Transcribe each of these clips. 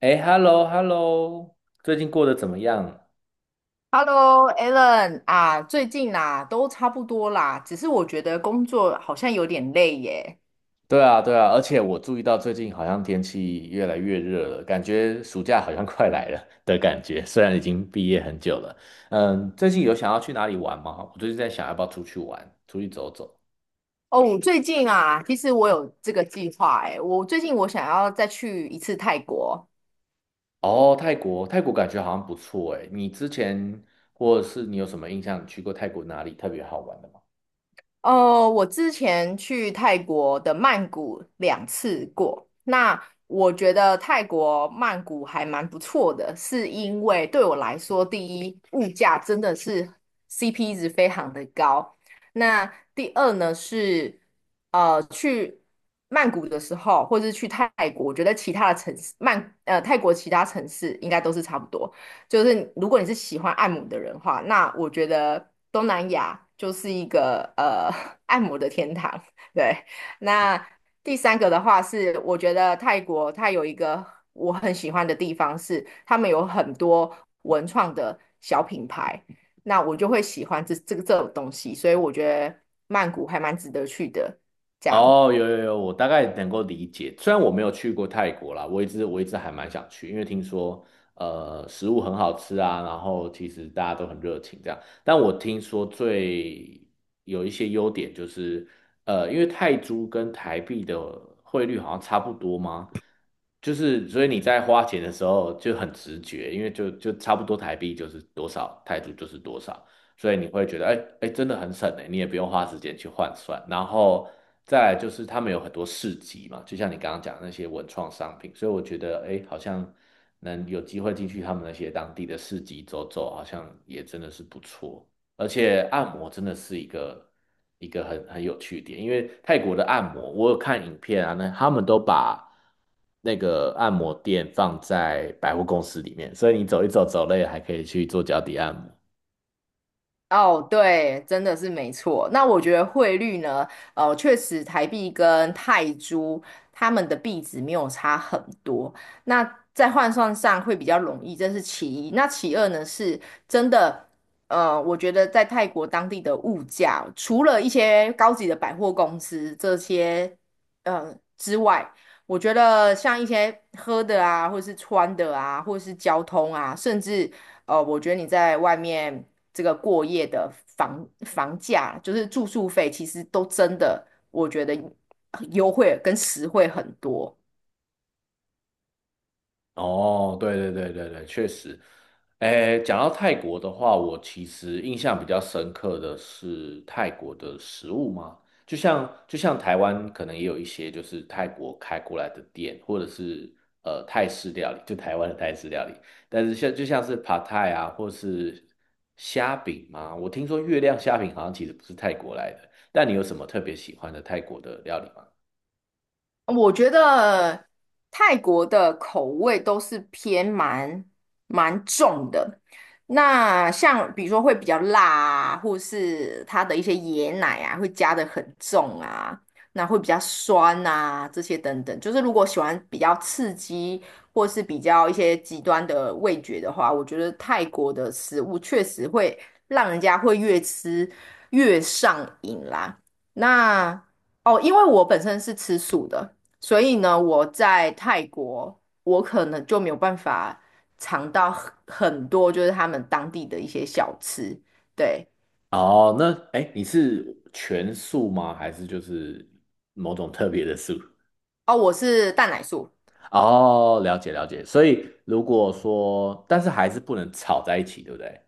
哎，hello，hello，最近过得怎么样？Hello，Alan 啊，最近啦、都差不多啦，只是我觉得工作好像有点累耶。对啊，对啊，而且我注意到最近好像天气越来越热了，感觉暑假好像快来了的感觉。虽然已经毕业很久了，嗯，最近有想要去哪里玩吗？我最近在想要不要出去玩，出去走走。哦，我最近啊，其实我有这个计划哎，我最近我想要再去一次泰国。哦，泰国，泰国感觉好像不错诶。你之前或者是你有什么印象？你去过泰国哪里特别好玩的吗？我之前去泰国的曼谷两次过，那我觉得泰国曼谷还蛮不错的，是因为对我来说，第一，物价真的是 CP 值非常的高。那第二呢是，去曼谷的时候，或是去泰国，我觉得其他的城市，泰国其他城市应该都是差不多。就是如果你是喜欢按摩的人的话，那我觉得东南亚就是一个按摩的天堂。对。那第三个的话是，我觉得泰国它有一个我很喜欢的地方是，他们有很多文创的小品牌，那我就会喜欢这个这种东西，所以我觉得曼谷还蛮值得去的。这样。哦，有有有，我大概能够理解。虽然我没有去过泰国啦，我一直还蛮想去，因为听说食物很好吃啊，然后其实大家都很热情这样。但我听说最有一些优点就是，因为泰铢跟台币的汇率好像差不多吗？就是所以你在花钱的时候就很直觉，因为就差不多台币就是多少，泰铢就是多少。所以你会觉得，哎，真的很省哎，你也不用花时间去换算。然后再来就是他们有很多市集嘛，就像你刚刚讲的那些文创商品，所以我觉得，哎，好像能有机会进去他们那些当地的市集走走，好像也真的是不错。而且按摩真的是一个很有趣的点，因为泰国的按摩，我有看影片啊，那他们都把那个按摩店放在百货公司里面，所以你走一走，走累了还可以去做脚底按摩。哦，对，真的是没错。那我觉得汇率呢，确实台币跟泰铢它们的币值没有差很多，那在换算上会比较容易，这是其一。那其二呢，是真的。我觉得在泰国当地的物价，除了一些高级的百货公司这些之外，我觉得像一些喝的啊，或是穿的啊，或是交通啊，甚至哦，我觉得你在外面这个过夜的房价，就是住宿费，其实都真的，我觉得优惠跟实惠很多。哦，对对对对对，确实。诶，讲到泰国的话，我其实印象比较深刻的是泰国的食物嘛，就像台湾可能也有一些就是泰国开过来的店，或者是泰式料理，就台湾的泰式料理，但是像就像是 Pad t a i 啊，或是虾饼嘛，我听说月亮虾饼好像其实不是泰国来的，但你有什么特别喜欢的泰国的料理吗？我觉得泰国的口味都是偏蛮重的，那像比如说会比较辣啊，或是它的一些椰奶啊，会加的很重啊，那会比较酸啊，这些等等。就是如果喜欢比较刺激，或是比较一些极端的味觉的话，我觉得泰国的食物确实会让人家会越吃越上瘾啦。那哦，因为我本身是吃素的，所以呢，我在泰国，我可能就没有办法尝到很多就是他们当地的一些小吃。对。哦，那哎，你是全素吗？还是就是某种特别的素？哦，我是蛋奶素。哦，了解了解。所以如果说，但是还是不能炒在一起，对不对？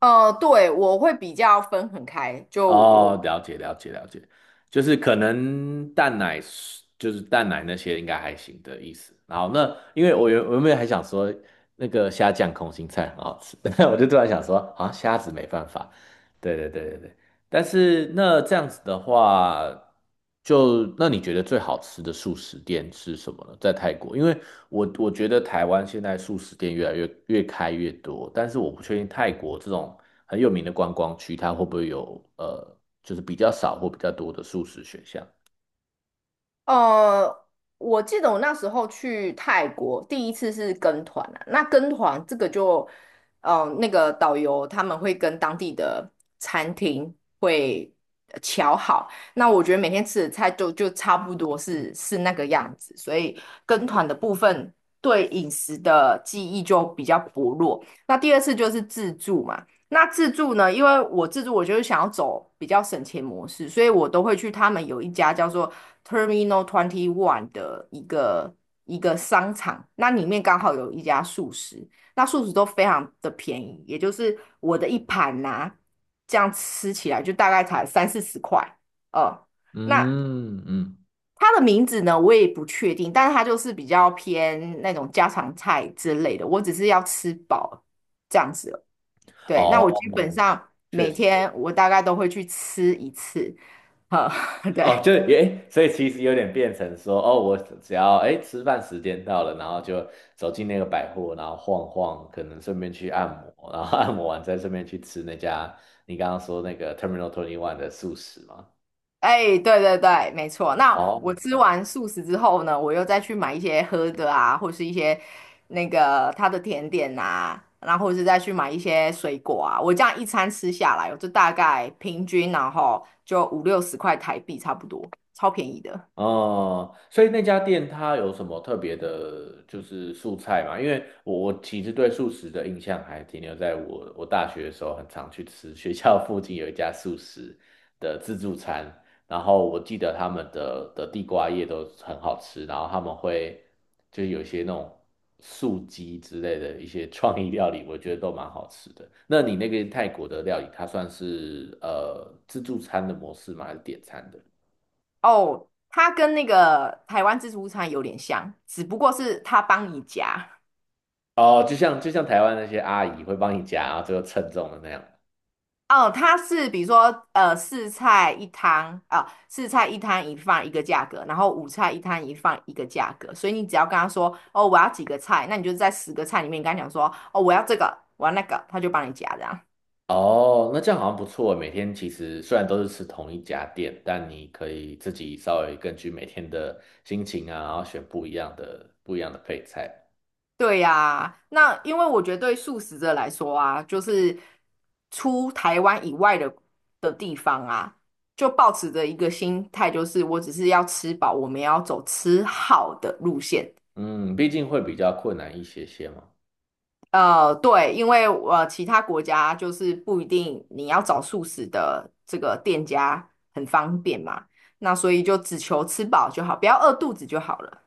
对，我会比较分很开，就我。哦，了解了解了解，就是可能蛋奶是就是蛋奶那些应该还行的意思。然后那因为我原本还想说那个虾酱空心菜很好吃，但我就突然想说，啊，虾子没办法。对对对对对，但是那这样子的话，就那你觉得最好吃的素食店是什么呢？在泰国，因为我觉得台湾现在素食店越来越开越多，但是我不确定泰国这种很有名的观光区，它会不会有就是比较少或比较多的素食选项？呃，我记得我那时候去泰国，第一次是跟团啊。那跟团这个就，那个导游他们会跟当地的餐厅会瞧好。那我觉得每天吃的菜就差不多是那个样子，所以跟团的部分对饮食的记忆就比较薄弱。那第二次就是自助嘛。那自助呢？因为我自助，我就是想要走比较省钱模式，所以我都会去他们有一家叫做 Terminal Twenty One 的一个商场，那里面刚好有一家素食，那素食都非常的便宜，也就是我的一盘呐、这样吃起来就大概才三四十块。呃，那嗯嗯，它的名字呢，我也不确定，但是它就是比较偏那种家常菜之类的，我只是要吃饱这样子。对，那我哦，基本上确每实，天我大概都会去吃一次。呵，对。哦，就诶，所以其实有点变成说，哦，我只要诶吃饭时间到了，然后就走进那个百货，然后晃晃，可能顺便去按摩，然后按摩完再顺便去吃那家你刚刚说那个 Terminal Twenty One 的素食嘛。哎，对对对，没错。那我哦，吃嗯。完素食之后呢，我又再去买一些喝的啊，或是一些那个它的甜点啊，然后或是再去买一些水果啊。我这样一餐吃下来哦，我就大概平均然后就五六十块台币差不多，超便宜的。哦，所以那家店它有什么特别的，就是素菜嘛？因为我其实对素食的印象还停留在我大学的时候，很常去吃学校 附近有一家素食的自助餐，然后我记得他们的地瓜叶都很好吃，然后他们会就是有一些那种素鸡之类的一些创意料理，我觉得都蛮好吃的。那你那个泰国的料理，它算是自助餐的模式吗？还是点餐的？哦，它跟那个台湾自助餐有点像，只不过是它帮你夹。哦，就像台湾那些阿姨会帮你夹，然后最后称重的那样。哦，它是比如说，四菜一汤一饭一个价格，然后五菜一汤一饭一个价格，所以你只要跟他说，哦，我要几个菜，那你就在十个菜里面跟他讲说，哦，我要这个，我要那个，他就帮你夹这样。哦，那这样好像不错欸。每天其实虽然都是吃同一家店，但你可以自己稍微根据每天的心情啊，然后选不一样的配菜。对呀、那因为我觉得对素食者来说啊，就是出台湾以外的地方啊，就抱持着一个心态，就是我只是要吃饱，我们要走吃好的路线。嗯，毕竟会比较困难一些些嘛。对，因为其他国家就是不一定你要找素食的这个店家很方便嘛，那所以就只求吃饱就好，不要饿肚子就好了。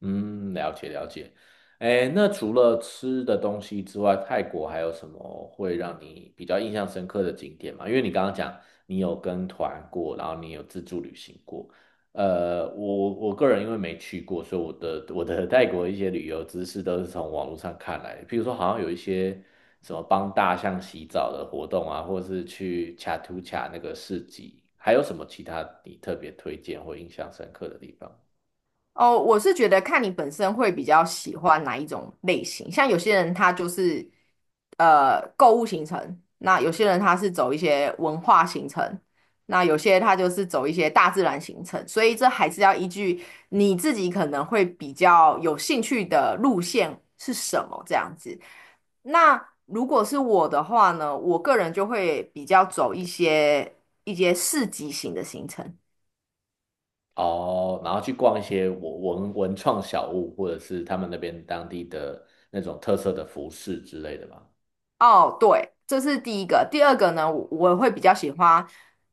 嗯，了解了解。哎，那除了吃的东西之外，泰国还有什么会让你比较印象深刻的景点吗？因为你刚刚讲你有跟团过，然后你有自助旅行过。我个人因为没去过，所以我的泰国一些旅游知识都是从网络上看来的。譬如说，好像有一些什么帮大象洗澡的活动啊，或是去恰图恰那个市集，还有什么其他你特别推荐或印象深刻的地方？哦，我是觉得看你本身会比较喜欢哪一种类型，像有些人他就是购物行程，那有些人他是走一些文化行程，那有些他就是走一些大自然行程，所以这还是要依据你自己可能会比较有兴趣的路线是什么这样子。那如果是我的话呢，我个人就会比较走一些市集型的行程。哦，然后去逛一些文创小物，或者是他们那边当地的那种特色的服饰之类的吧。哦，对，这是第一个。第二个呢，我会比较喜欢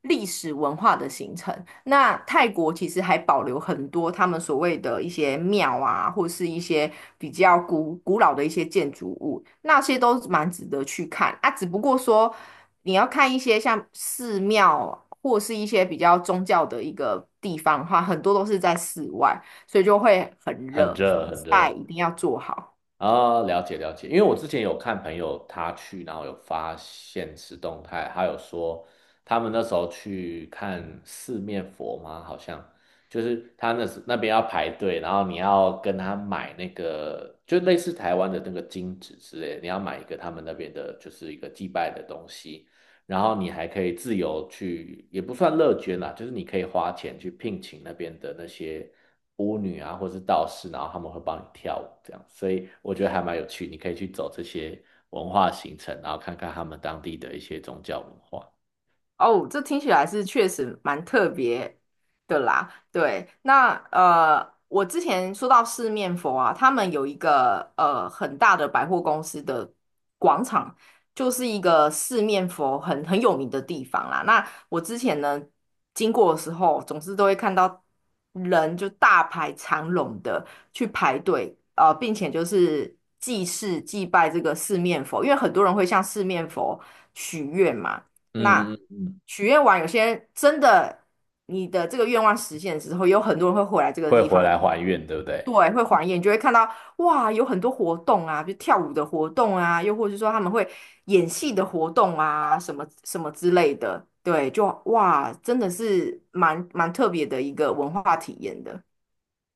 历史文化的行程。那泰国其实还保留很多他们所谓的一些庙啊，或是一些比较古老的一些建筑物，那些都蛮值得去看啊。只不过说你要看一些像寺庙或是一些比较宗教的一个地方的话，很多都是在室外，所以就会很很热，防热，很晒热一定要做好。啊，了解了解。因为我之前有看朋友他去，然后有发现实动态，他有说他们那时候去看四面佛吗？好像就是他那时那边要排队，然后你要跟他买那个，就类似台湾的那个金纸之类的，你要买一个他们那边的，就是一个祭拜的东西。然后你还可以自由去，也不算乐捐啦，就是你可以花钱去聘请那边的那些巫女啊，或是道士，然后他们会帮你跳舞这样，所以我觉得还蛮有趣，你可以去走这些文化行程，然后看看他们当地的一些宗教文化。哦，这听起来是确实蛮特别的啦。对，那我之前说到四面佛啊，他们有一个很大的百货公司的广场，就是一个四面佛很有名的地方啦。那我之前呢经过的时候，总是都会看到人就大排长龙的去排队，并且就是祭祀祭拜这个四面佛，因为很多人会向四面佛许愿嘛。嗯那嗯嗯，许愿完，有些人真的你的这个愿望实现之后，有很多人会回来这个会地回方。来还嗯，愿，对不对？对，会还愿，你就会看到哇，有很多活动啊，比如跳舞的活动啊，又或者是说他们会演戏的活动啊，什么什么之类的，对，就哇，真的是蛮特别的一个文化体验的。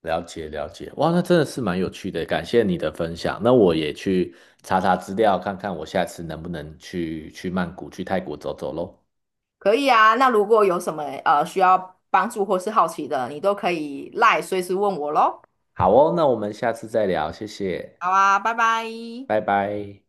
了解了解，哇，那真的是蛮有趣的，感谢你的分享。那我也去查查资料，看看我下次能不能去去曼谷、去泰国走走喽。可以啊，那如果有什么需要帮助或是好奇的，你都可以赖随时问我喽。好哦，那我们下次再聊，谢谢，好啊，拜拜。拜拜。